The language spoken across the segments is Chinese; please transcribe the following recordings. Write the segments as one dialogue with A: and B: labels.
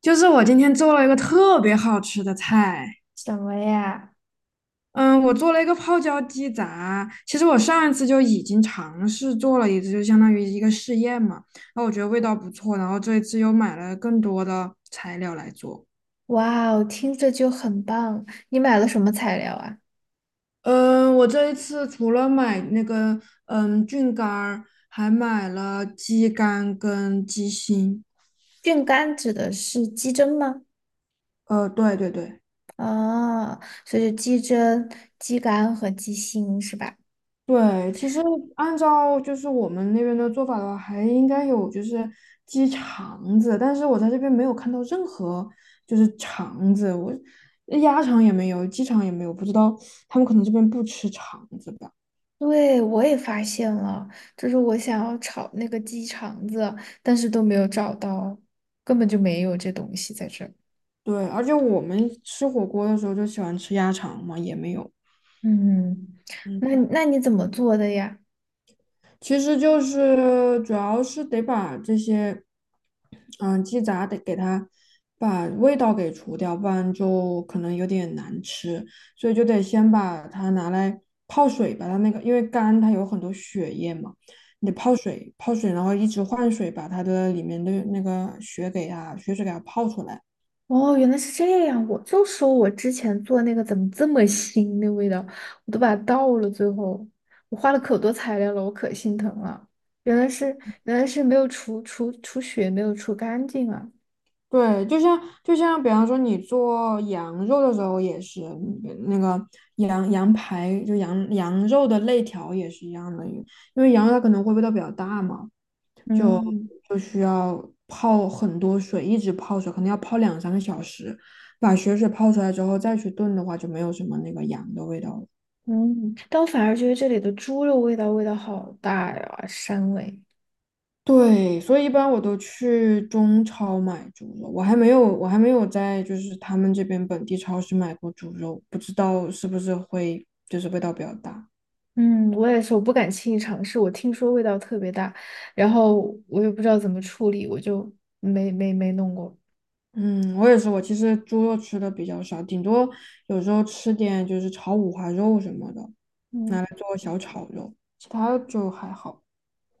A: 就是我今天做了一个特别好吃的菜，
B: 什么呀？
A: 嗯，我做了一个泡椒鸡杂。其实我上一次就已经尝试做了一次，就相当于一个试验嘛。然后我觉得味道不错，然后这一次又买了更多的材料来做。
B: 哇哦，听着就很棒。你买了什么材料啊？
A: 嗯，我这一次除了买那个菌干儿，还买了鸡肝跟鸡心。
B: 菌干指的是鸡胗吗？
A: 对对对。
B: 啊，所以就鸡胗、鸡肝和鸡心是吧？
A: 对，其实按照就是我们那边的做法的话，还应该有就是鸡肠子，但是我在这边没有看到任何就是肠子，鸭肠也没有，鸡肠也没有，不知道他们可能这边不吃肠子吧？
B: 对，我也发现了，就是我想要炒那个鸡肠子，但是都没有找到，根本就没有这东西在这儿。
A: 对，而且我们吃火锅的时候就喜欢吃鸭肠嘛，也没有。
B: 嗯，嗯。那
A: 嗯。
B: 那你怎么做的呀？
A: 其实就是主要是得把这些，嗯，鸡杂得给它把味道给除掉，不然就可能有点难吃，所以就得先把它拿来泡水，把它那个因为肝它有很多血液嘛，你得泡水，泡水，然后一直换水，把它的里面的那个血给它血水给它泡出来。
B: 哦，原来是这样，我就说我之前做那个怎么这么腥那味道，我都把它倒了，最后我花了可多材料了，我可心疼了。原来是原来是没有除血，没有除干净啊。
A: 对，就像比方说你做羊肉的时候也是，嗯那个羊羊排就羊羊肉的肋条也是一样的，因为羊肉它可能会味道比较大嘛，就
B: 嗯
A: 就需要泡很多水，一直泡水，可能要泡两三个小时，把血水泡出来之后再去炖的话，就没有什么那个羊的味道了。
B: 嗯，但我反而觉得这里的猪肉味道好大呀，膻味。
A: 对，所以一般我都去中超买猪肉，我还没有在就是他们这边本地超市买过猪肉，不知道是不是会就是味道比较大。
B: 嗯，我也是，我不敢轻易尝试。我听说味道特别大，然后我也不知道怎么处理，我就没弄过。
A: 嗯，我也是，我其实猪肉吃的比较少，顶多有时候吃点就是炒五花肉什么的，
B: 嗯。
A: 拿来做小炒肉，其他就还好。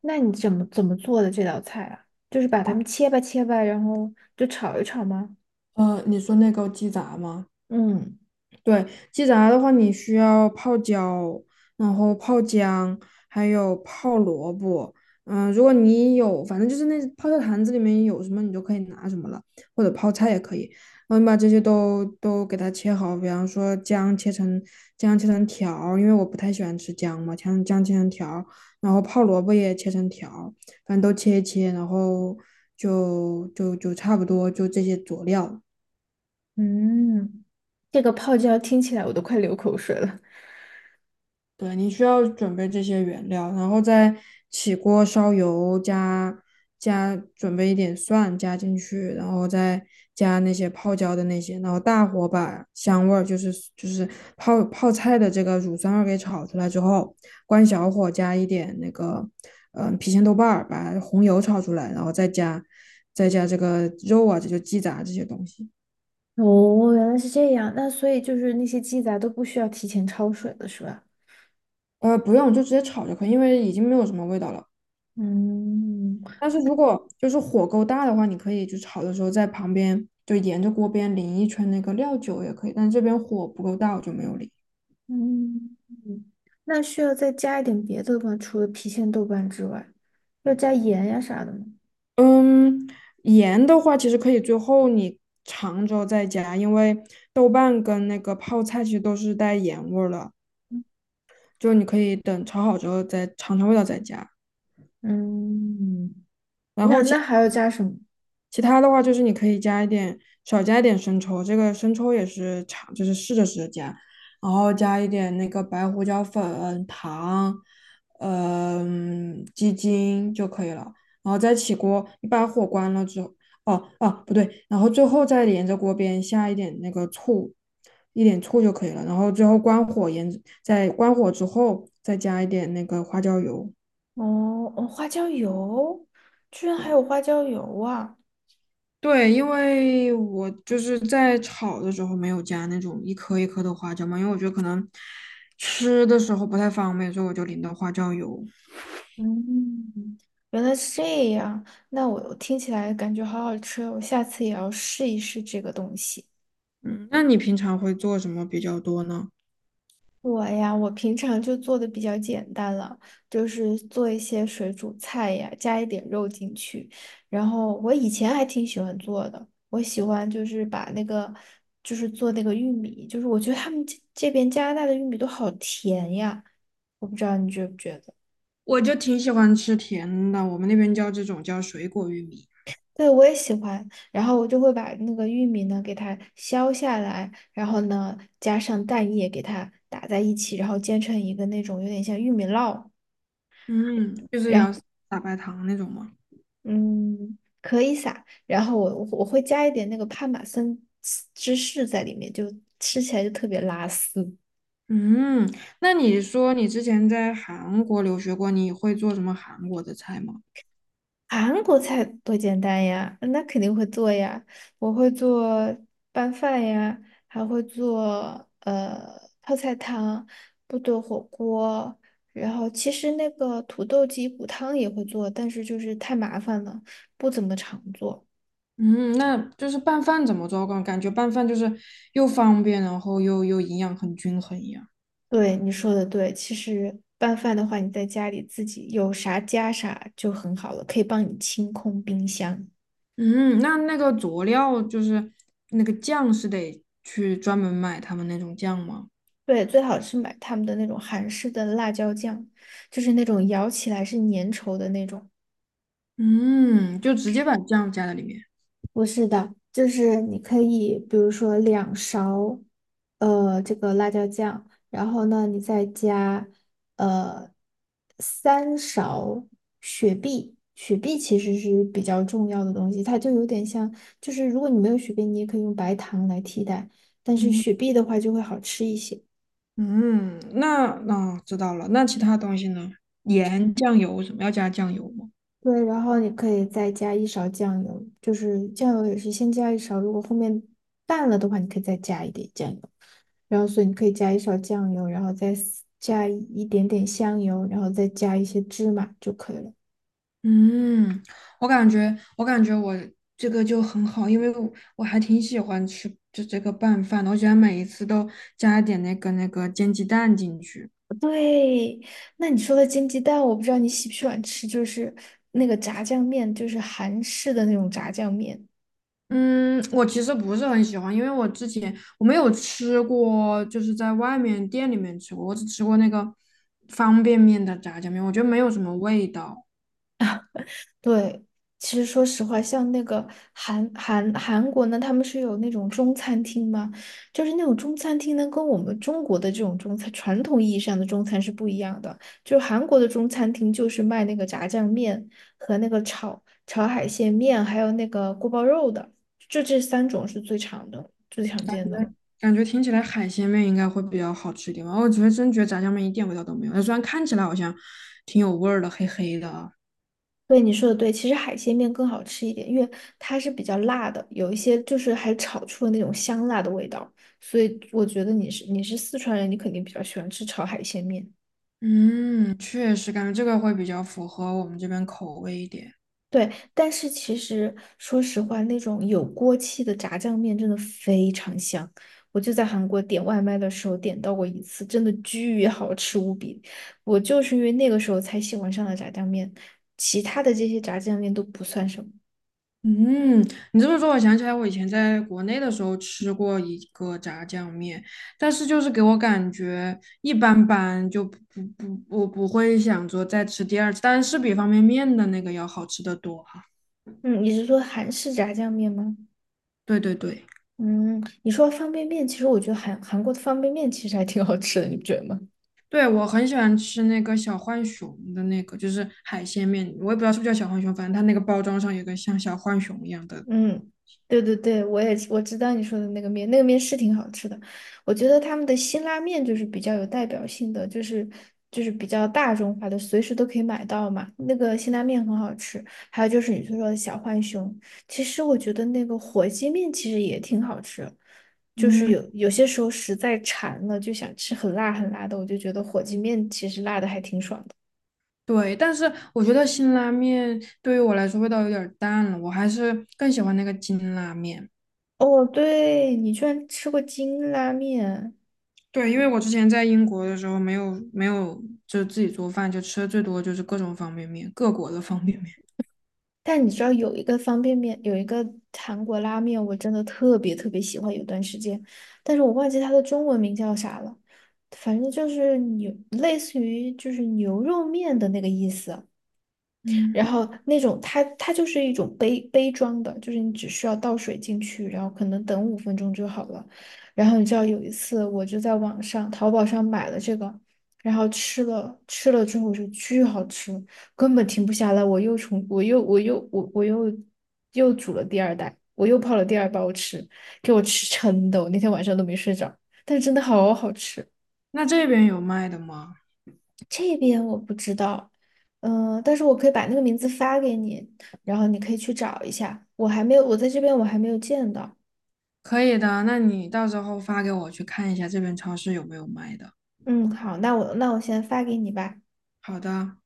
B: 那你怎么做的这道菜啊？就是把它们切吧切吧，然后就炒一炒吗？
A: 你说那个鸡杂吗？
B: 嗯
A: 对，鸡杂的话，你需要泡椒，然后泡姜，还有泡萝卜。嗯、如果你有，反正就是那泡菜坛子里面有什么，你就可以拿什么了，或者泡菜也可以。然后你把这些都给它切好，比方说姜切成条儿因为我不太喜欢吃姜嘛，姜切成条儿然后泡萝卜也切成条儿反正都切一切，然后就差不多就这些佐料。
B: 嗯，这个泡椒听起来我都快流口水了。
A: 对，你需要准备这些原料，然后再起锅烧油，加准备一点蒜加进去，然后再加那些泡椒的那些，然后大火把香味儿，就是泡泡菜的这个乳酸味儿给炒出来之后，关小火加一点那个郫县豆瓣儿，把红油炒出来，然后再加这个肉啊，这就鸡杂这些东西。
B: 哦，原来是这样。那所以就是那些鸡杂都不需要提前焯水了，是吧？
A: 不用，就直接炒就可以，因为已经没有什么味道了。
B: 嗯
A: 但是如果就是火够大的话，你可以就炒的时候在旁边就沿着锅边淋一圈那个料酒也可以，但这边火不够大，我就没有淋。
B: 嗯，那需要再加一点别的吗？除了郫县豆瓣之外，要加盐呀啥的吗？
A: 嗯，盐的话其实可以最后你尝之后再加，因为豆瓣跟那个泡菜其实都是带盐味儿了，就你可以等炒好之后再尝尝味道再加。
B: 嗯，
A: 然
B: 那
A: 后
B: 那还要加什么？
A: 其他的话就是你可以加一点，少加一点生抽，这个生抽也是尝，就是试着加，然后加一点那个白胡椒粉、糖，嗯、鸡精就可以了。然后再起锅，你把火关了之后，哦哦不对，然后最后再沿着锅边下一点那个醋，一点醋就可以了。然后最后关火，沿着在关火之后再加一点那个花椒油。
B: 哦，哦，花椒油，居然还有花椒油啊！
A: 对，因为我就是在炒的时候没有加那种一颗一颗的花椒嘛，因为我觉得可能吃的时候不太方便，所以我就淋的花椒油。
B: 嗯，原来是这样。那我听起来感觉好好吃哦，我下次也要试一试这个东西。
A: 嗯，那你平常会做什么比较多呢？
B: 我呀，我平常就做的比较简单了，就是做一些水煮菜呀，加一点肉进去。然后我以前还挺喜欢做的，我喜欢就是把那个，就是做那个玉米，就是我觉得他们这边加拿大的玉米都好甜呀，我不知道你觉不觉得。
A: 我就挺喜欢吃甜的，我们那边叫这种叫水果玉米，
B: 对，我也喜欢。然后我就会把那个玉米呢给它削下来，然后呢加上蛋液给它打在一起，然后煎成一个那种有点像玉米烙，
A: 嗯，就是
B: 然后
A: 要撒白糖那种嘛。
B: 嗯可以撒。然后我会加一点那个帕玛森芝士在里面，就吃起来就特别拉丝。
A: 嗯，那你说你之前在韩国留学过，你会做什么韩国的菜吗？
B: 韩国菜多简单呀，那肯定会做呀。我会做拌饭呀，还会做泡菜汤、部队火锅。然后其实那个土豆鸡骨汤也会做，但是就是太麻烦了，不怎么常做。
A: 嗯，那就是拌饭怎么做？感觉拌饭就是又方便，然后又营养很均衡一样。
B: 对，你说的对，其实拌饭的话，你在家里自己有啥加啥就很好了，可以帮你清空冰箱。
A: 嗯，那那个佐料就是那个酱是得去专门买他们那种酱吗？
B: 对，最好是买他们的那种韩式的辣椒酱，就是那种咬起来是粘稠的那种。
A: 嗯，就直接把酱加在里面。
B: 不是的，就是你可以，比如说2勺，这个辣椒酱，然后呢，你再加，呃，3勺雪碧。雪碧其实是比较重要的东西，它就有点像，就是如果你没有雪碧，你也可以用白糖来替代，但是
A: 嗯
B: 雪碧的话就会好吃一些。
A: 嗯，哦知道了。那其他东西呢？盐、酱油什么要加酱油吗？
B: 对，然后你可以再加一勺酱油，就是酱油也是先加一勺，如果后面淡了的话，你可以再加一点酱油。然后所以你可以加一勺酱油，然后再撕加一点点香油，然后再加一些芝麻就可以了。
A: 嗯，我感觉我这个就很好，因为我还挺喜欢吃就这个拌饭的，我喜欢每一次都加一点那个煎鸡蛋进去。
B: 对，那你说的煎鸡蛋，我不知道你喜不喜欢吃，就是那个炸酱面，就是韩式的那种炸酱面。
A: 嗯，我其实不是很喜欢，因为我之前我没有吃过，就是在外面店里面吃过，我只吃过那个方便面的炸酱面，我觉得没有什么味道，
B: 啊。对，其实说实话，像那个韩国呢，他们是有那种中餐厅嘛，就是那种中餐厅呢，跟我们中国的这种中餐传统意义上的中餐是不一样的。就是韩国的中餐厅就是卖那个炸酱面和那个炒海鲜面，还有那个锅包肉的，就这三种是最常见的。
A: 感觉听起来海鲜面应该会比较好吃一点吧。我觉得真觉得炸酱面一点味道都没有，虽然看起来好像挺有味儿的，黑黑的。
B: 对，你说的对，其实海鲜面更好吃一点，因为它是比较辣的，有一些就是还炒出了那种香辣的味道，所以我觉得你是四川人，你肯定比较喜欢吃炒海鲜面。
A: 嗯，确实感觉这个会比较符合我们这边口味一点。
B: 对，但是其实说实话，那种有锅气的炸酱面真的非常香。我就在韩国点外卖的时候点到过一次，真的巨好吃无比。我就是因为那个时候才喜欢上了炸酱面，其他的这些炸酱面都不算什么。
A: 嗯，你这么说，我想起来我以前在国内的时候吃过一个炸酱面，但是就是给我感觉一般般，就不不不，我不会想说再吃第二次，但是比方便面的那个要好吃得多哈。
B: 嗯，你是说韩式炸酱面吗？
A: 对对对，
B: 嗯，你说方便面，其实我觉得韩国的方便面其实还挺好吃的，你不觉得吗？
A: 对我很喜欢吃那个小浣熊的那个，就是海鲜面，我也不知道是不是叫小浣熊，反正它那个包装上有个像小浣熊一样的。
B: 嗯，对对对，我知道你说的那个面，那个面是挺好吃的。我觉得他们的辛拉面就是比较有代表性的，就是比较大众化的，随时都可以买到嘛。那个辛拉面很好吃，还有就是你说的小浣熊，其实我觉得那个火鸡面其实也挺好吃，就是
A: 嗯。
B: 有些时候实在馋了，就想吃很辣很辣的，我就觉得火鸡面其实辣的还挺爽的。
A: 对，但是我觉得辛拉面对于我来说味道有点儿淡了，我还是更喜欢那个金拉面。
B: 哦，对，你居然吃过金拉面，
A: 对，因为我之前在英国的时候没有就自己做饭，就吃的最多就是各种方便面，各国的方便面。
B: 但你知道有一个方便面，有一个韩国拉面，我真的特别特别喜欢，有段时间，但是我忘记它的中文名叫啥了，反正就是牛，类似于就是牛肉面的那个意思。然
A: 嗯，
B: 后那种它就是一种杯装的，就是你只需要倒水进去，然后可能等5分钟就好了。然后你知道有一次我就在网上淘宝上买了这个，然后吃了之后就巨好吃，根本停不下来。我又煮了第二袋，我又泡了第二包吃，给我吃撑的，我那天晚上都没睡着，但是真的好好吃。
A: 那这边有卖的吗？
B: 这边我不知道，但是我可以把那个名字发给你，然后你可以去找一下。我还没有，我在这边我还没有见到。
A: 可以的，那你到时候发给我去看一下这边超市有没有卖的。
B: 嗯，好，那我先发给你吧。
A: 好的。